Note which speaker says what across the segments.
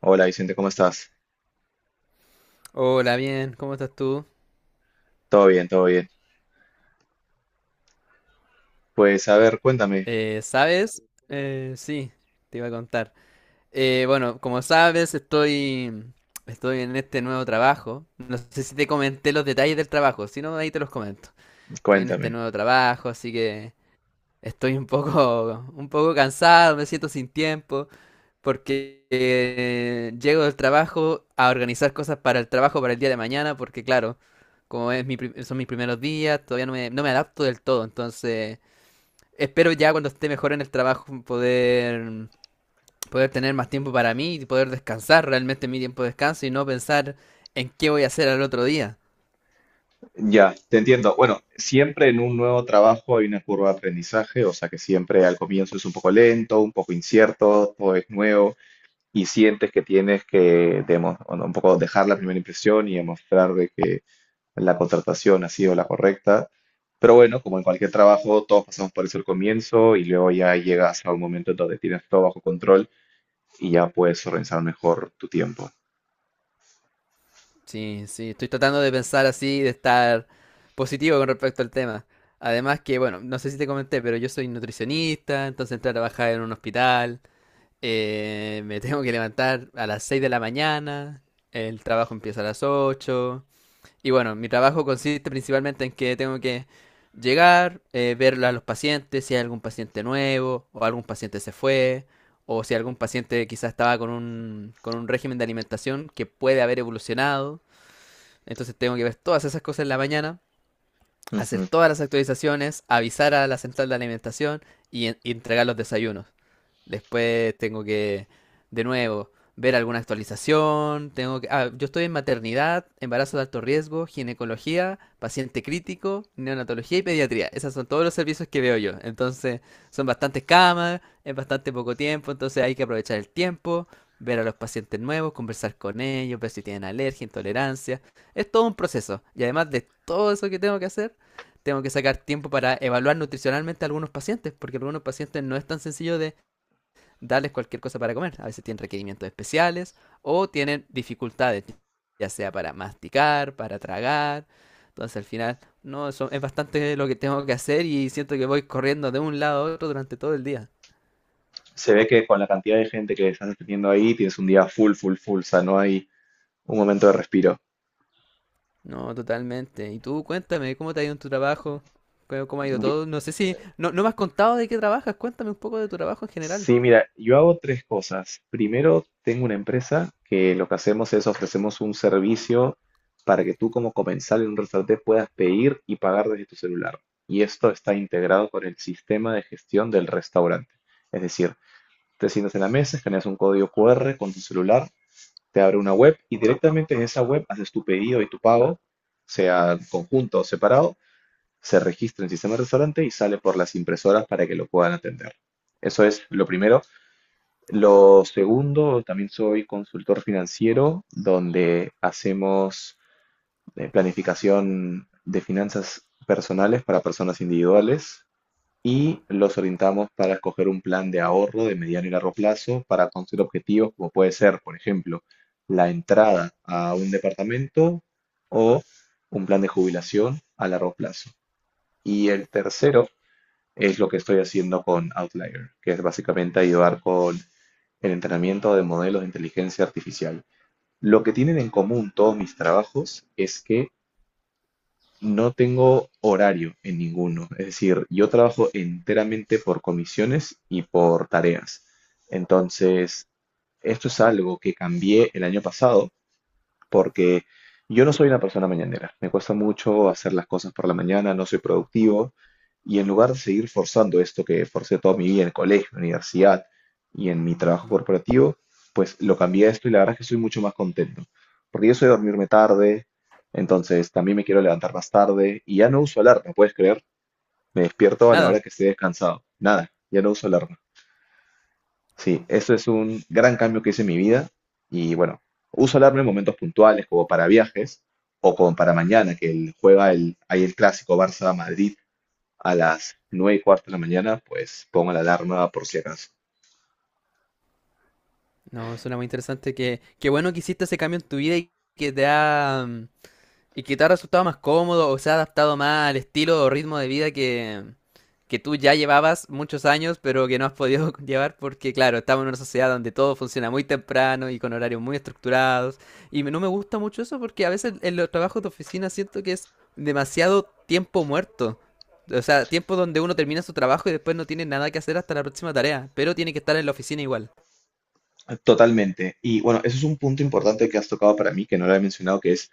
Speaker 1: Hola Vicente, ¿cómo estás?
Speaker 2: Hola, bien, ¿cómo estás tú?
Speaker 1: Todo bien, todo bien. Pues a ver, cuéntame,
Speaker 2: ¿Sabes? Sí, te iba a contar. Bueno, como sabes, estoy en este nuevo trabajo. No sé si te comenté los detalles del trabajo, si no, ahí te los comento. Estoy en este
Speaker 1: cuéntame.
Speaker 2: nuevo trabajo, así que estoy un poco, un poco cansado, me siento sin tiempo, porque llego del trabajo a organizar cosas para el trabajo para el día de mañana, porque claro, como es son mis primeros días, todavía no me adapto del todo, entonces espero ya cuando esté mejor en el trabajo poder tener más tiempo para mí y poder descansar realmente mi tiempo de descanso y no pensar en qué voy a hacer al otro día.
Speaker 1: Ya, te entiendo. Bueno, siempre en un nuevo trabajo hay una curva de aprendizaje, o sea que siempre al comienzo es un poco lento, un poco incierto, todo es nuevo y sientes que o no, un poco dejar la primera impresión y demostrar de que la contratación ha sido la correcta. Pero bueno, como en cualquier trabajo, todos pasamos por eso al comienzo y luego ya llegas a un momento en donde tienes todo bajo control y ya puedes organizar mejor tu tiempo.
Speaker 2: Sí, sí, estoy tratando de pensar así, de estar positivo con respecto al tema. Además que, bueno, no sé si te comenté, pero yo soy nutricionista, entonces entré a trabajar en un hospital. Me tengo que levantar a las 6 de la mañana, el trabajo empieza a las 8. Y bueno, mi trabajo consiste principalmente en que tengo que llegar, ver a los pacientes, si hay algún paciente nuevo, o algún paciente se fue, o si algún paciente quizás estaba con con un régimen de alimentación que puede haber evolucionado. Entonces tengo que ver todas esas cosas en la mañana, hacer todas las actualizaciones, avisar a la central de alimentación y, y entregar los desayunos. Después tengo que, de nuevo, ver alguna actualización. Tengo que, yo estoy en maternidad, embarazo de alto riesgo, ginecología, paciente crítico, neonatología y pediatría. Esos son todos los servicios que veo yo. Entonces, son bastantes camas, es bastante poco tiempo, entonces hay que aprovechar el tiempo, ver a los pacientes nuevos, conversar con ellos, ver si tienen alergia, intolerancia. Es todo un proceso. Y además de todo eso que tengo que hacer, tengo que sacar tiempo para evaluar nutricionalmente a algunos pacientes, porque a algunos pacientes no es tan sencillo de darles cualquier cosa para comer. A veces tienen requerimientos especiales o tienen dificultades, ya sea para masticar, para tragar. Entonces al final, no, eso es bastante lo que tengo que hacer y siento que voy corriendo de un lado a otro durante todo el día.
Speaker 1: Se ve que con la cantidad de gente que estás atendiendo ahí, tienes un día full, full, full, o sea, no hay un momento de respiro.
Speaker 2: No, totalmente. Y tú cuéntame, ¿cómo te ha ido en tu trabajo? Cómo ha ido
Speaker 1: Mi-
Speaker 2: todo? No sé si, no, no me has contado de qué trabajas, cuéntame un poco de tu trabajo en general.
Speaker 1: Sí, mira, yo hago tres cosas. Primero, tengo una empresa que lo que hacemos es ofrecemos un servicio para que tú como comensal en un restaurante puedas pedir y pagar desde tu celular. Y esto está integrado con el sistema de gestión del restaurante. Es decir, te sientas en la mesa, escaneas un código QR con tu celular, te abre una web y directamente en esa web haces tu pedido y tu pago, sea conjunto o separado, se registra en el sistema de restaurante y sale por las impresoras para que lo puedan atender. Eso es lo primero. Lo segundo, también soy consultor financiero, donde hacemos planificación de finanzas personales para personas individuales y los orientamos para escoger un plan de ahorro de mediano y largo plazo para conseguir objetivos como puede ser, por ejemplo, la entrada a un departamento o un plan de jubilación a largo plazo. Y el tercero es lo que estoy haciendo con Outlier, que es básicamente ayudar con el entrenamiento de modelos de inteligencia artificial. Lo que tienen en común todos mis trabajos es que no tengo horario en ninguno, es decir, yo trabajo enteramente por comisiones y por tareas. Entonces, esto es algo que cambié el año pasado porque yo no soy una persona mañanera. Me cuesta mucho hacer las cosas por la mañana, no soy productivo. Y en lugar de seguir forzando esto que forcé toda mi vida en el colegio, universidad y en mi trabajo corporativo, pues lo cambié a esto y la verdad es que soy mucho más contento. Porque yo soy de dormirme tarde, entonces también me quiero levantar más tarde y ya no uso alarma, ¿puedes creer? Me despierto a la hora
Speaker 2: Nada.
Speaker 1: que esté descansado. Nada, ya no uso alarma. Sí, eso es un gran cambio que hice en mi vida y bueno, uso alarma en momentos puntuales como para viajes o como para mañana juega el, hay el clásico Barça-Madrid a las 9:15 de la mañana, pues pongo la alarma por si acaso.
Speaker 2: No, suena muy interesante. Qué bueno que hiciste ese cambio en tu vida y que te ha resultado más cómodo o se ha adaptado más al estilo o ritmo de vida que tú ya llevabas muchos años, pero que no has podido llevar porque, claro, estamos en una sociedad donde todo funciona muy temprano y con horarios muy estructurados. Y no me gusta mucho eso porque a veces en los trabajos de oficina siento que es demasiado tiempo muerto. O sea, tiempo donde uno termina su trabajo y después no tiene nada que hacer hasta la próxima tarea, pero tiene que estar en la oficina igual.
Speaker 1: Totalmente. Y bueno, eso es un punto importante que has tocado para mí, que no lo he mencionado, que es: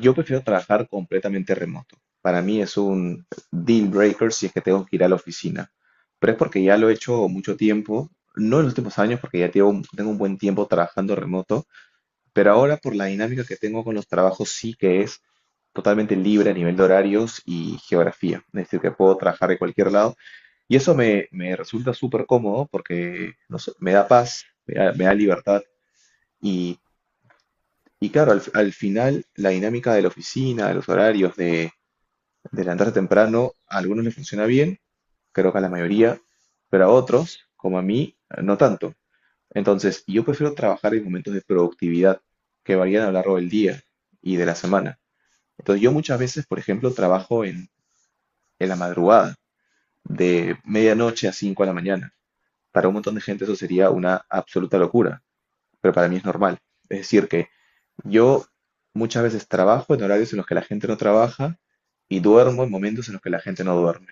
Speaker 1: yo prefiero trabajar completamente remoto. Para mí es un deal breaker si es que tengo que ir a la oficina. Pero es porque ya lo he hecho mucho tiempo, no en los últimos años, porque ya tengo un buen tiempo trabajando remoto, pero ahora por la dinámica que tengo con los trabajos sí que es totalmente libre a nivel de horarios y geografía. Es decir, que puedo trabajar de cualquier lado. Y eso me resulta súper cómodo porque, no sé, me da paz, me da libertad y y claro, al final la dinámica de la oficina, de los horarios, de levantarse temprano, a algunos les funciona bien, creo que a la mayoría, pero a otros, como a mí, no tanto. Entonces, yo prefiero trabajar en momentos de productividad que varían a lo largo del día y de la semana. Entonces, yo muchas veces, por ejemplo, en la madrugada, de medianoche a 5 de la mañana. Para un montón de gente eso sería una absoluta locura, pero para mí es normal. Es decir, que yo muchas veces trabajo en horarios en los que la gente no trabaja y duermo en momentos en los que la gente no duerme.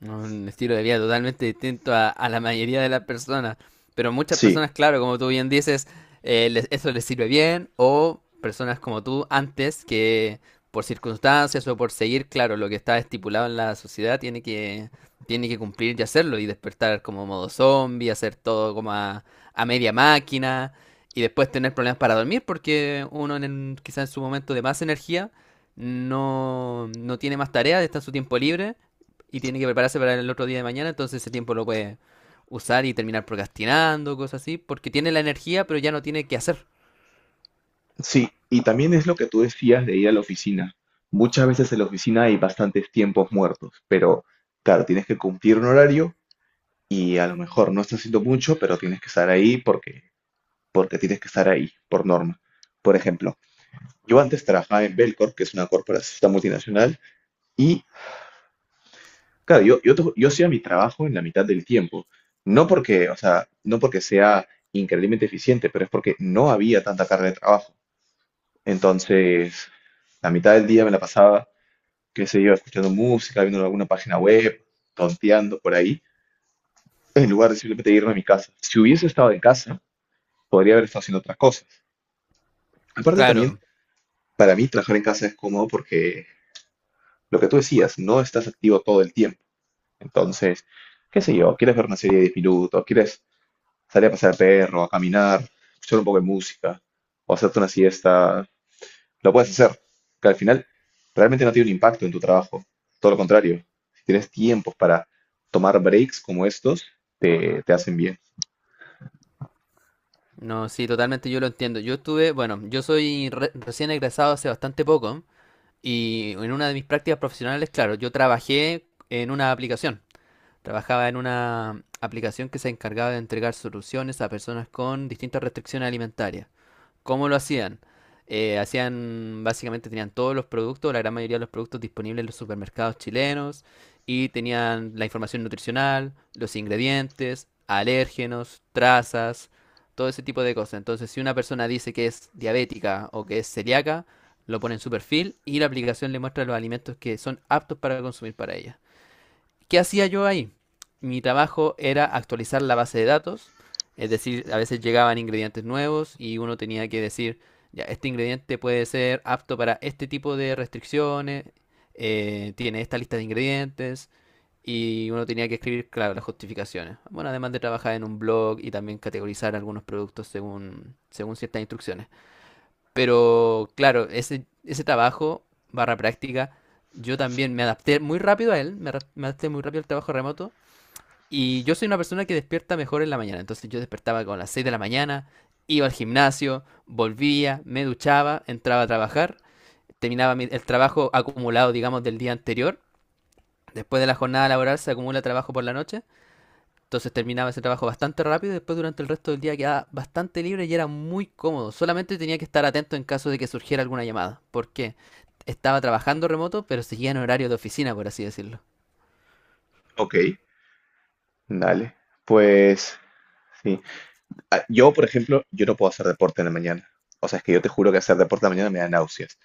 Speaker 2: Un estilo de vida totalmente distinto a la mayoría de las personas. Pero muchas
Speaker 1: Sí,
Speaker 2: personas, claro, como tú bien dices, eso les sirve bien. O personas como tú antes que por circunstancias o por seguir, claro, lo que está estipulado en la sociedad tiene que cumplir y hacerlo. Y despertar como modo zombie, hacer todo como a media máquina. Y después tener problemas para dormir porque uno quizás en su momento de más energía no tiene más tareas, está en su tiempo libre y tiene que prepararse para el otro día de mañana, entonces ese tiempo lo puede usar y terminar procrastinando, cosas así, porque tiene la energía, pero ya no tiene que hacer.
Speaker 1: sí, y también es lo que tú decías de ir a la oficina. Muchas veces en la oficina hay bastantes tiempos muertos, pero claro, tienes que cumplir un horario y a lo mejor no estás haciendo mucho, pero tienes que estar ahí porque, porque tienes que estar ahí, por norma. Por ejemplo, yo antes trabajaba en Belcorp, que es una corporación multinacional, y claro, yo hacía mi trabajo en la mitad del tiempo. O sea, no porque sea increíblemente eficiente, pero es porque no había tanta carga de trabajo. Entonces, la mitad del día me la pasaba, qué sé yo, escuchando música, viendo alguna página web, tonteando por ahí, en lugar de simplemente irme a mi casa. Si hubiese estado en casa, podría haber estado haciendo otras cosas. Aparte también,
Speaker 2: Claro.
Speaker 1: para mí trabajar en casa es cómodo porque lo que tú decías, no estás activo todo el tiempo. Entonces, qué sé yo, quieres ver una serie de 10 minutos, quieres salir a pasear al perro, a caminar, escuchar un poco de música o hacerte una siesta, lo puedes hacer, que al final realmente no tiene un impacto en tu trabajo. Todo lo contrario, si tienes tiempos para tomar breaks como estos, te hacen bien.
Speaker 2: No, sí, totalmente yo lo entiendo. Yo estuve, bueno, yo soy recién egresado hace bastante poco y en una de mis prácticas profesionales, claro, yo trabajé en una aplicación. Trabajaba en una aplicación que se encargaba de entregar soluciones a personas con distintas restricciones alimentarias. ¿Cómo lo hacían? Hacían, básicamente tenían todos los productos, la gran mayoría de los productos disponibles en los supermercados chilenos y tenían la información nutricional, los ingredientes, alérgenos, trazas, todo ese tipo de cosas. Entonces, si una persona dice que es diabética o que es celíaca, lo pone en su perfil y la aplicación le muestra los alimentos que son aptos para consumir para ella. ¿Qué hacía yo ahí? Mi trabajo era actualizar la base de datos, es decir, a veces llegaban ingredientes nuevos y uno tenía que decir, ya, este ingrediente puede ser apto para este tipo de restricciones, tiene esta lista de ingredientes y uno tenía que escribir, claro, las justificaciones. Bueno, además de trabajar en un blog y también categorizar algunos productos según ciertas instrucciones. Pero claro, ese trabajo, barra práctica, yo también me adapté muy rápido a él, me adapté muy rápido al trabajo remoto. Y yo soy una persona que despierta mejor en la mañana. Entonces yo despertaba con las 6 de la mañana, iba al gimnasio, volvía, me duchaba, entraba a trabajar, terminaba el trabajo acumulado, digamos, del día anterior. Después de la jornada laboral se acumula trabajo por la noche. Entonces terminaba ese trabajo bastante rápido y después durante el resto del día quedaba bastante libre y era muy cómodo. Solamente tenía que estar atento en caso de que surgiera alguna llamada. Porque estaba trabajando remoto, pero seguía en horario de oficina, por así decirlo.
Speaker 1: Ok, dale. Pues sí. Ah, yo, por ejemplo, yo no puedo hacer deporte en la mañana. O sea, es que yo te juro que hacer deporte en la mañana me da náuseas.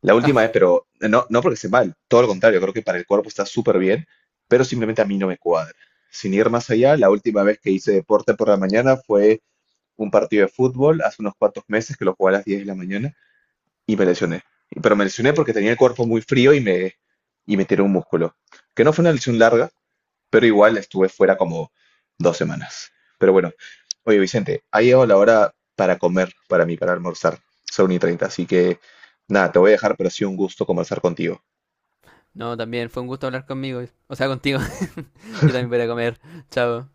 Speaker 1: La última
Speaker 2: Ah,
Speaker 1: vez, pero no, no porque esté mal, todo lo contrario, creo que para el cuerpo está súper bien, pero simplemente a mí no me cuadra. Sin ir más allá, la última vez que hice deporte por la mañana fue un partido de fútbol hace unos cuantos meses que lo jugué a las 10 de la mañana y me lesioné. Pero me lesioné porque tenía el cuerpo muy frío y me tiré un músculo. Que no fue una lesión larga, pero igual estuve fuera como 2 semanas. Pero bueno, oye Vicente, ha llegado la hora para comer, para mí, para almorzar. Son y 30 así que nada, te voy a dejar, pero ha sido un gusto conversar contigo.
Speaker 2: no, también fue un gusto hablar conmigo. O sea, contigo. Yo también voy a comer. Chao.